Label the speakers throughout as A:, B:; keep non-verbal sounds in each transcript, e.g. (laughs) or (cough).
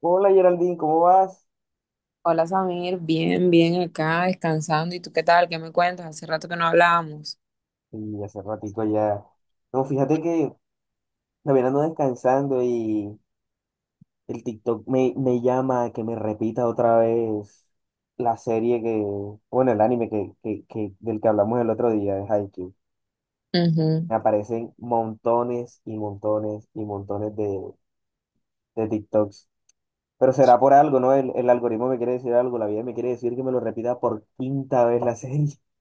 A: Hola Geraldine, ¿cómo vas?
B: Hola Samir, bien, bien acá, descansando. ¿Y tú qué tal? ¿Qué me cuentas? Hace rato que no hablábamos.
A: Y hace ratito ya. No, fíjate que también ando descansando y el TikTok me llama a que me repita otra vez la serie que, bueno, el anime del que hablamos el otro día, de Haikyuu.
B: Ujú.
A: Me aparecen montones y montones y montones de TikToks. Pero será por algo, ¿no? El algoritmo me quiere decir algo, la vida me quiere decir que me lo repita por quinta vez la serie. (laughs)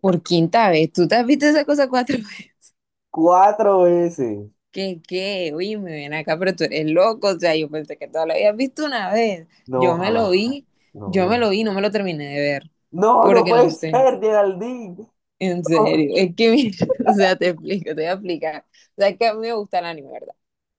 B: Por quinta vez, ¿tú te has visto esa cosa cuatro (laughs) veces?
A: Cuatro veces.
B: ¿Qué, qué? Oye, me ven acá, pero tú eres loco. O sea, yo pensé que tú lo habías visto una vez.
A: No,
B: Yo me lo
A: jamás.
B: vi,
A: No,
B: yo me
A: no.
B: lo vi, no me lo terminé de ver.
A: No, no
B: Porque no
A: puede
B: sé.
A: ser, Geraldine.
B: En
A: (laughs)
B: serio. Es que, mira, (laughs) o sea, te explico, te voy a explicar. O sea, es que a mí me gusta el anime, ¿verdad?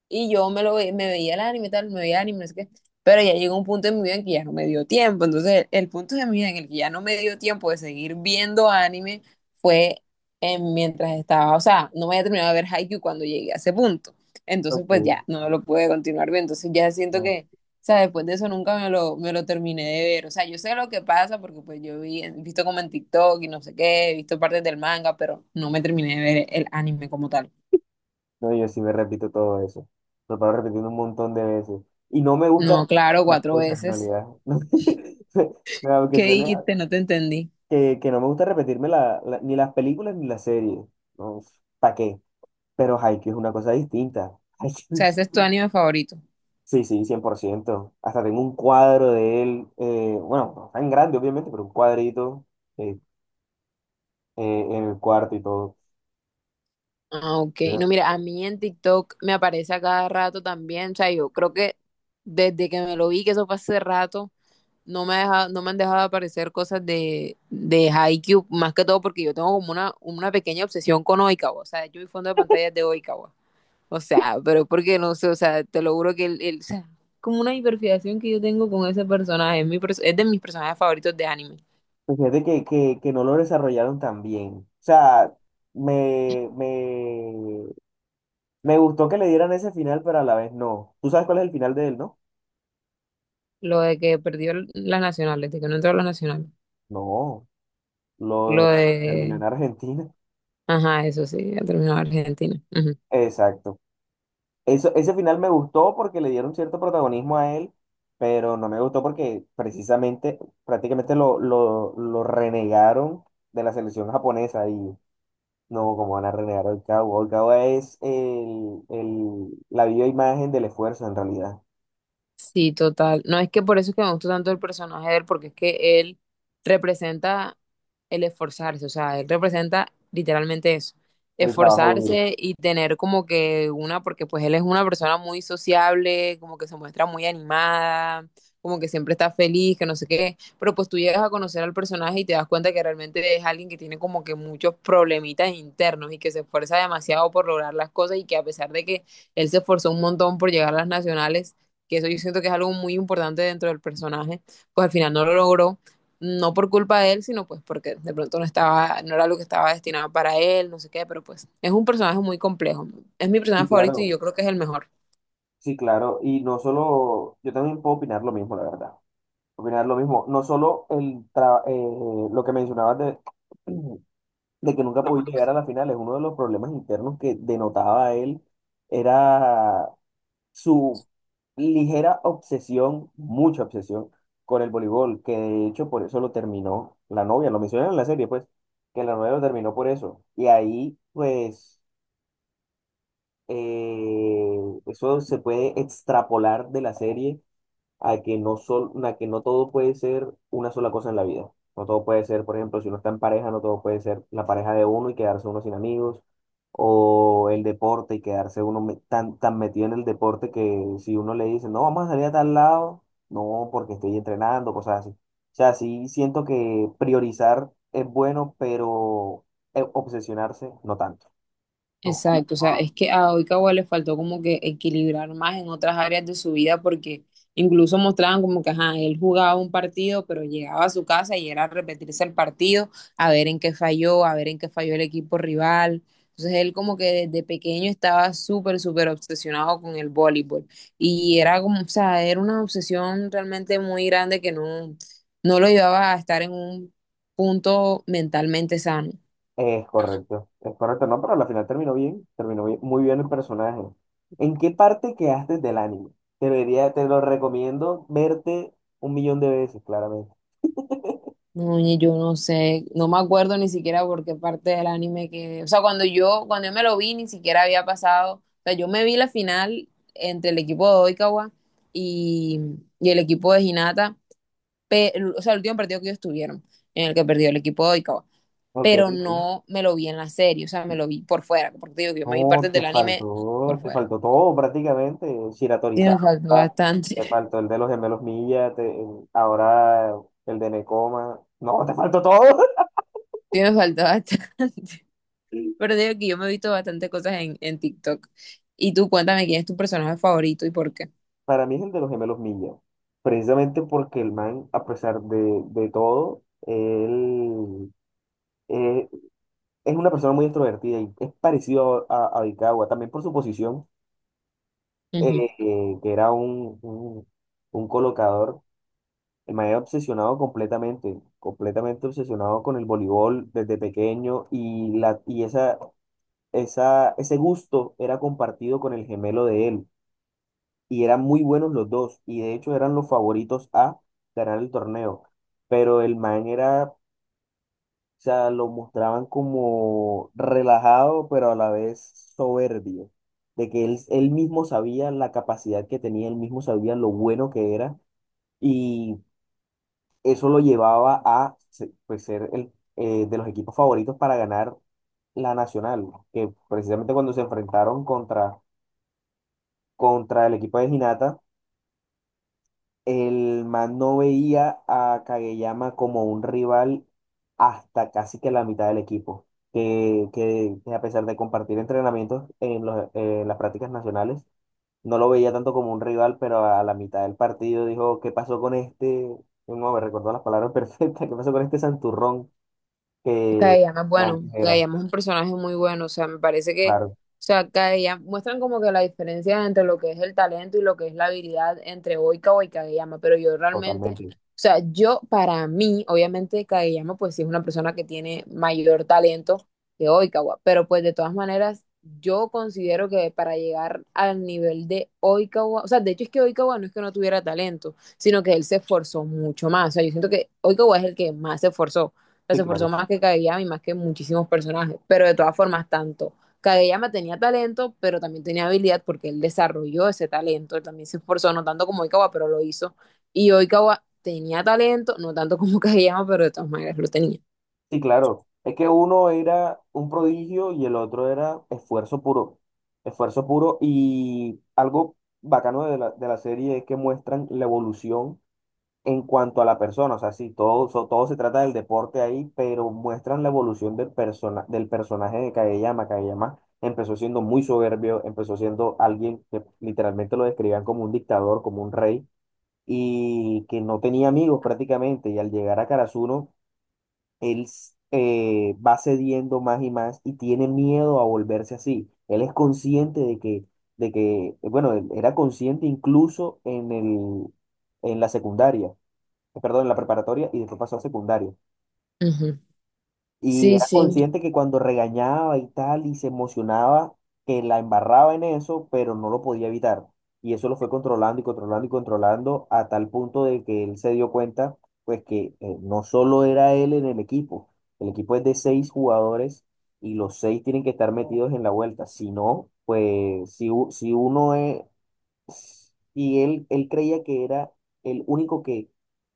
B: Y yo me lo ve- me veía el anime, tal, me veía el anime, no sé qué. Pero ya llegó un punto en mi vida en que ya no me dio tiempo. Entonces, el punto de mi vida en el que ya no me dio tiempo de seguir viendo anime fue mientras estaba, o sea, no me había terminado de ver Haikyuu cuando llegué a ese punto. Entonces,
A: Ok,
B: pues ya, no lo pude continuar viendo. Entonces, ya siento
A: no,
B: que, o sea, después de eso nunca me lo terminé de ver. O sea, yo sé lo que pasa porque pues yo vi, he visto como en TikTok y no sé qué, he visto partes del manga, pero no me terminé de ver el anime como tal.
A: no, yo sí me repito todo eso. Lo paro repitiendo un montón de veces. Y no me gusta
B: No, claro,
A: las
B: cuatro
A: cosas en
B: veces.
A: realidad. (laughs) No, aunque
B: ¿Qué
A: suene
B: dijiste? No te entendí.
A: que no me gusta repetirme ni las películas ni las series. No, ¿para qué? Pero Haikyuu es una cosa distinta.
B: O sea,
A: (laughs)
B: ese es tu anime favorito.
A: Sí, sí, 100%. Hasta tengo un cuadro de él. Bueno, no tan grande, obviamente, pero un cuadrito eh, en el cuarto y todo.
B: Ah, ok. No, mira, a mí en TikTok me aparece a cada rato también. O sea, yo creo que desde que me lo vi, que eso fue hace rato, no me han dejado de aparecer cosas de Haikyuu, más que todo porque yo tengo como una pequeña obsesión con Oikawa. O sea, yo mi fondo de pantalla es de Oikawa. O sea, pero porque no sé, o sea, te lo juro que o sea, como una hiperfijación que yo tengo con ese personaje. Es de mis personajes favoritos de anime.
A: Pues, fíjate que no lo desarrollaron tan bien. O sea, me, me, me gustó que le dieran ese final, pero a la vez no. ¿Tú sabes cuál es el final de él, no?
B: Lo de que perdió el- Las nacionales, de que no entró a las nacionales.
A: No, lo
B: Lo
A: de- terminó en
B: de...
A: Argentina.
B: Ajá, eso sí, ha terminado Argentina. Ujú.
A: (laughs) Exacto. Eso, ese final me gustó porque le dieron cierto protagonismo a él, pero no me gustó porque precisamente, prácticamente lo renegaron de la selección japonesa. Y no, como van a renegar al cabo? El cabo es el, la viva imagen del esfuerzo, en realidad.
B: Sí, total. No es que por eso es que me gustó tanto el personaje de él, porque es que él representa el esforzarse, o sea, él representa literalmente eso,
A: El trabajo duro.
B: esforzarse y tener como que una, porque pues él es una persona muy sociable, como que se muestra muy animada, como que siempre está feliz, que no sé qué, pero pues tú llegas a conocer al personaje y te das cuenta que realmente es alguien que tiene como que muchos problemitas internos y que se esfuerza demasiado por lograr las cosas y que a pesar de que él se esforzó un montón por llegar a las nacionales, que eso yo siento que es algo muy importante dentro del personaje, pues al final no lo logró no por culpa de él, sino pues porque de pronto no estaba, no era lo que estaba destinado para él, no sé qué, pero pues es un personaje muy complejo. Es mi
A: Sí,
B: personaje favorito y
A: claro.
B: yo creo que es el mejor.
A: Sí, claro. Y no solo, yo también puedo opinar lo mismo, la verdad. Opinar lo mismo. No solo lo que mencionabas de, (clears throat) de que nunca podía llegar a la final, es uno de los problemas internos que denotaba él. Era su ligera obsesión, mucha obsesión con el voleibol, que de hecho por eso lo terminó la novia, lo mencionan en la serie, pues, que la novia lo terminó por eso. Y ahí, pues, eh, eso se puede extrapolar de la serie a que no todo puede ser una sola cosa en la vida. No todo puede ser, por ejemplo, si uno está en pareja, no todo puede ser la pareja de uno y quedarse uno sin amigos, o el deporte y quedarse uno tan metido en el deporte que si uno le dice, no, vamos a salir a tal lado, no, porque estoy entrenando, cosas así. O sea, sí siento que priorizar es bueno, pero obsesionarse no tanto.
B: Exacto, o sea, es que a Oikawa le faltó como que equilibrar más en otras áreas de su vida porque incluso mostraban como que, ajá, él jugaba un partido, pero llegaba a su casa y era a repetirse el partido, a ver en qué falló, a ver en qué falló el equipo rival. Entonces él como que desde pequeño estaba súper, súper obsesionado con el voleibol y era como, o sea, era una obsesión realmente muy grande que no, no lo llevaba a estar en un punto mentalmente sano.
A: Es correcto, no, pero al final terminó bien, muy bien el personaje. ¿En qué parte quedaste del anime? Te lo recomiendo verte un millón de veces, claramente.
B: No, ni yo no sé, no me acuerdo ni siquiera por qué parte del anime que, o sea, cuando yo me lo vi, ni siquiera había pasado, o sea, yo me vi la final entre el equipo de Oikawa y, y el equipo de Hinata, o sea, el último partido que ellos tuvieron, en el que perdió el equipo de Oikawa,
A: Ok,
B: pero
A: sí.
B: no me lo vi en la serie, o sea, me lo vi por fuera, porque te digo que yo me vi
A: No,
B: partes
A: te
B: del anime por
A: faltó, te
B: fuera.
A: faltó todo prácticamente.
B: Sí,
A: Shiratorizawa,
B: me faltó
A: te
B: bastante, (laughs)
A: faltó el de los gemelos Milla, ahora el de Nekoma, no, te faltó todo. (laughs)
B: sí, me faltó bastante. Pero digo que yo me he visto bastante cosas en TikTok. Y tú cuéntame quién es tu personaje favorito y por qué.
A: Para mí es el de los gemelos Milla, precisamente porque el man, a pesar de todo, él eh, es una persona muy extrovertida y es parecido a Vicagua, también por su posición, que era un colocador. El man era obsesionado completamente, completamente obsesionado con el voleibol desde pequeño y, y ese gusto era compartido con el gemelo de él y eran muy buenos los dos y de hecho eran los favoritos a ganar el torneo, pero el man era... O sea, lo mostraban como relajado, pero a la vez soberbio, de que él mismo sabía la capacidad que tenía, él mismo sabía lo bueno que era, y eso lo llevaba a pues, ser de los equipos favoritos para ganar la Nacional, que precisamente cuando se enfrentaron contra el equipo de Ginata. El man no veía a Kageyama como un rival hasta casi que la mitad del equipo, que a pesar de compartir entrenamientos en las prácticas nacionales, no lo veía tanto como un rival, pero a la mitad del partido dijo, ¿qué pasó con este? No, me recordó las palabras (laughs) perfectas, ¿qué pasó con este santurrón que,
B: Kadeyama es
A: que
B: bueno,
A: antes era?
B: Kadeyama es un personaje muy bueno, o sea, me parece que,
A: Claro,
B: o sea, Kadeyama, muestran como que la diferencia entre lo que es el talento y lo que es la habilidad entre Oikawa y Kadeyama, pero yo realmente, o
A: totalmente.
B: sea, yo para mí, obviamente Kadeyama pues sí es una persona que tiene mayor talento que Oikawa, pero pues de todas maneras, yo considero que para llegar al nivel de Oikawa, o sea, de hecho es que Oikawa no es que no tuviera talento, sino que él se esforzó mucho más, o sea, yo siento que Oikawa es el que más
A: Sí,
B: se esforzó
A: claro.
B: más que Kageyama y más que muchísimos personajes. Pero de todas formas, tanto Kageyama tenía talento, pero también tenía habilidad porque él desarrolló ese talento. Él también se esforzó, no tanto como Oikawa, pero lo hizo. Y Oikawa tenía talento, no tanto como (laughs) Kageyama, pero de todas maneras lo tenía.
A: Sí, claro. Es que uno era un prodigio y el otro era esfuerzo puro. Esfuerzo puro y algo bacano de la serie es que muestran la evolución en cuanto a la persona. O sea, sí, todo, todo se trata del deporte ahí, pero muestran la evolución del personaje de Kageyama. Kageyama empezó siendo muy soberbio, empezó siendo alguien que literalmente lo describían como un dictador, como un rey, y que no tenía amigos prácticamente. Y al llegar a Karasuno él va cediendo más y más y tiene miedo a volverse así. Él es consciente de que, él era consciente incluso en el, en la secundaria, perdón, en la preparatoria y después pasó a secundaria.
B: Ujú.
A: Y
B: Sí,
A: era
B: sí.
A: consciente que cuando regañaba y tal, y se emocionaba, que la embarraba en eso, pero no lo podía evitar. Y eso lo fue controlando y controlando y controlando a tal punto de que él se dio cuenta, pues que no solo era él en el equipo es de seis jugadores y los seis tienen que estar metidos en la vuelta. Si no, pues si uno es, y él creía que era el único que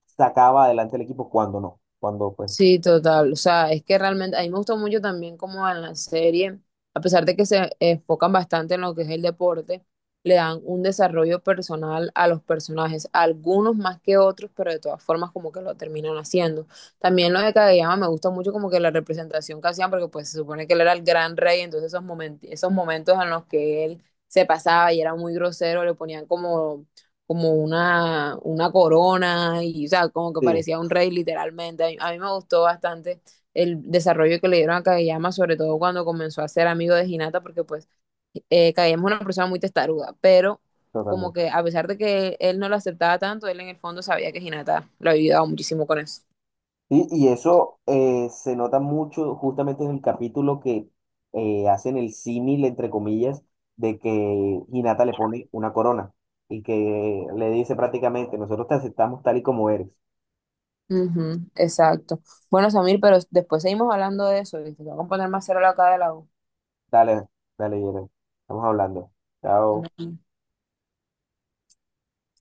A: sacaba adelante el equipo cuando no, cuando pues
B: Sí, total. O sea, es que realmente a mí me gustó mucho también como en la serie, a pesar de que se enfocan bastante en lo que es el deporte, le dan un desarrollo personal a los personajes, algunos más que otros, pero de todas formas como que lo terminan haciendo. También lo de Kageyama me gusta mucho como que la representación que hacían, porque pues se supone que él era el gran rey, entonces esos momentos en los que él se pasaba y era muy grosero, le ponían como una corona y, o sea, como que
A: sí,
B: parecía un rey literalmente. A mí me gustó bastante el desarrollo que le dieron a Kageyama, sobre todo cuando comenzó a ser amigo de Hinata, porque pues Kageyama es una persona muy testaruda, pero como
A: totalmente.
B: que a pesar de que él no lo aceptaba tanto, él en el fondo sabía que Hinata lo había ayudado muchísimo con eso.
A: Y eso se nota mucho justamente en el capítulo que hacen el símil, entre comillas, de que Hinata le pone una corona y que le dice prácticamente, nosotros te aceptamos tal y como eres.
B: Ujú, exacto. Bueno, Samir, pero después seguimos hablando de eso, ¿viste? Te voy a poner más cero la acá de la U.
A: Dale, dale, Yeren, estamos hablando. Chao.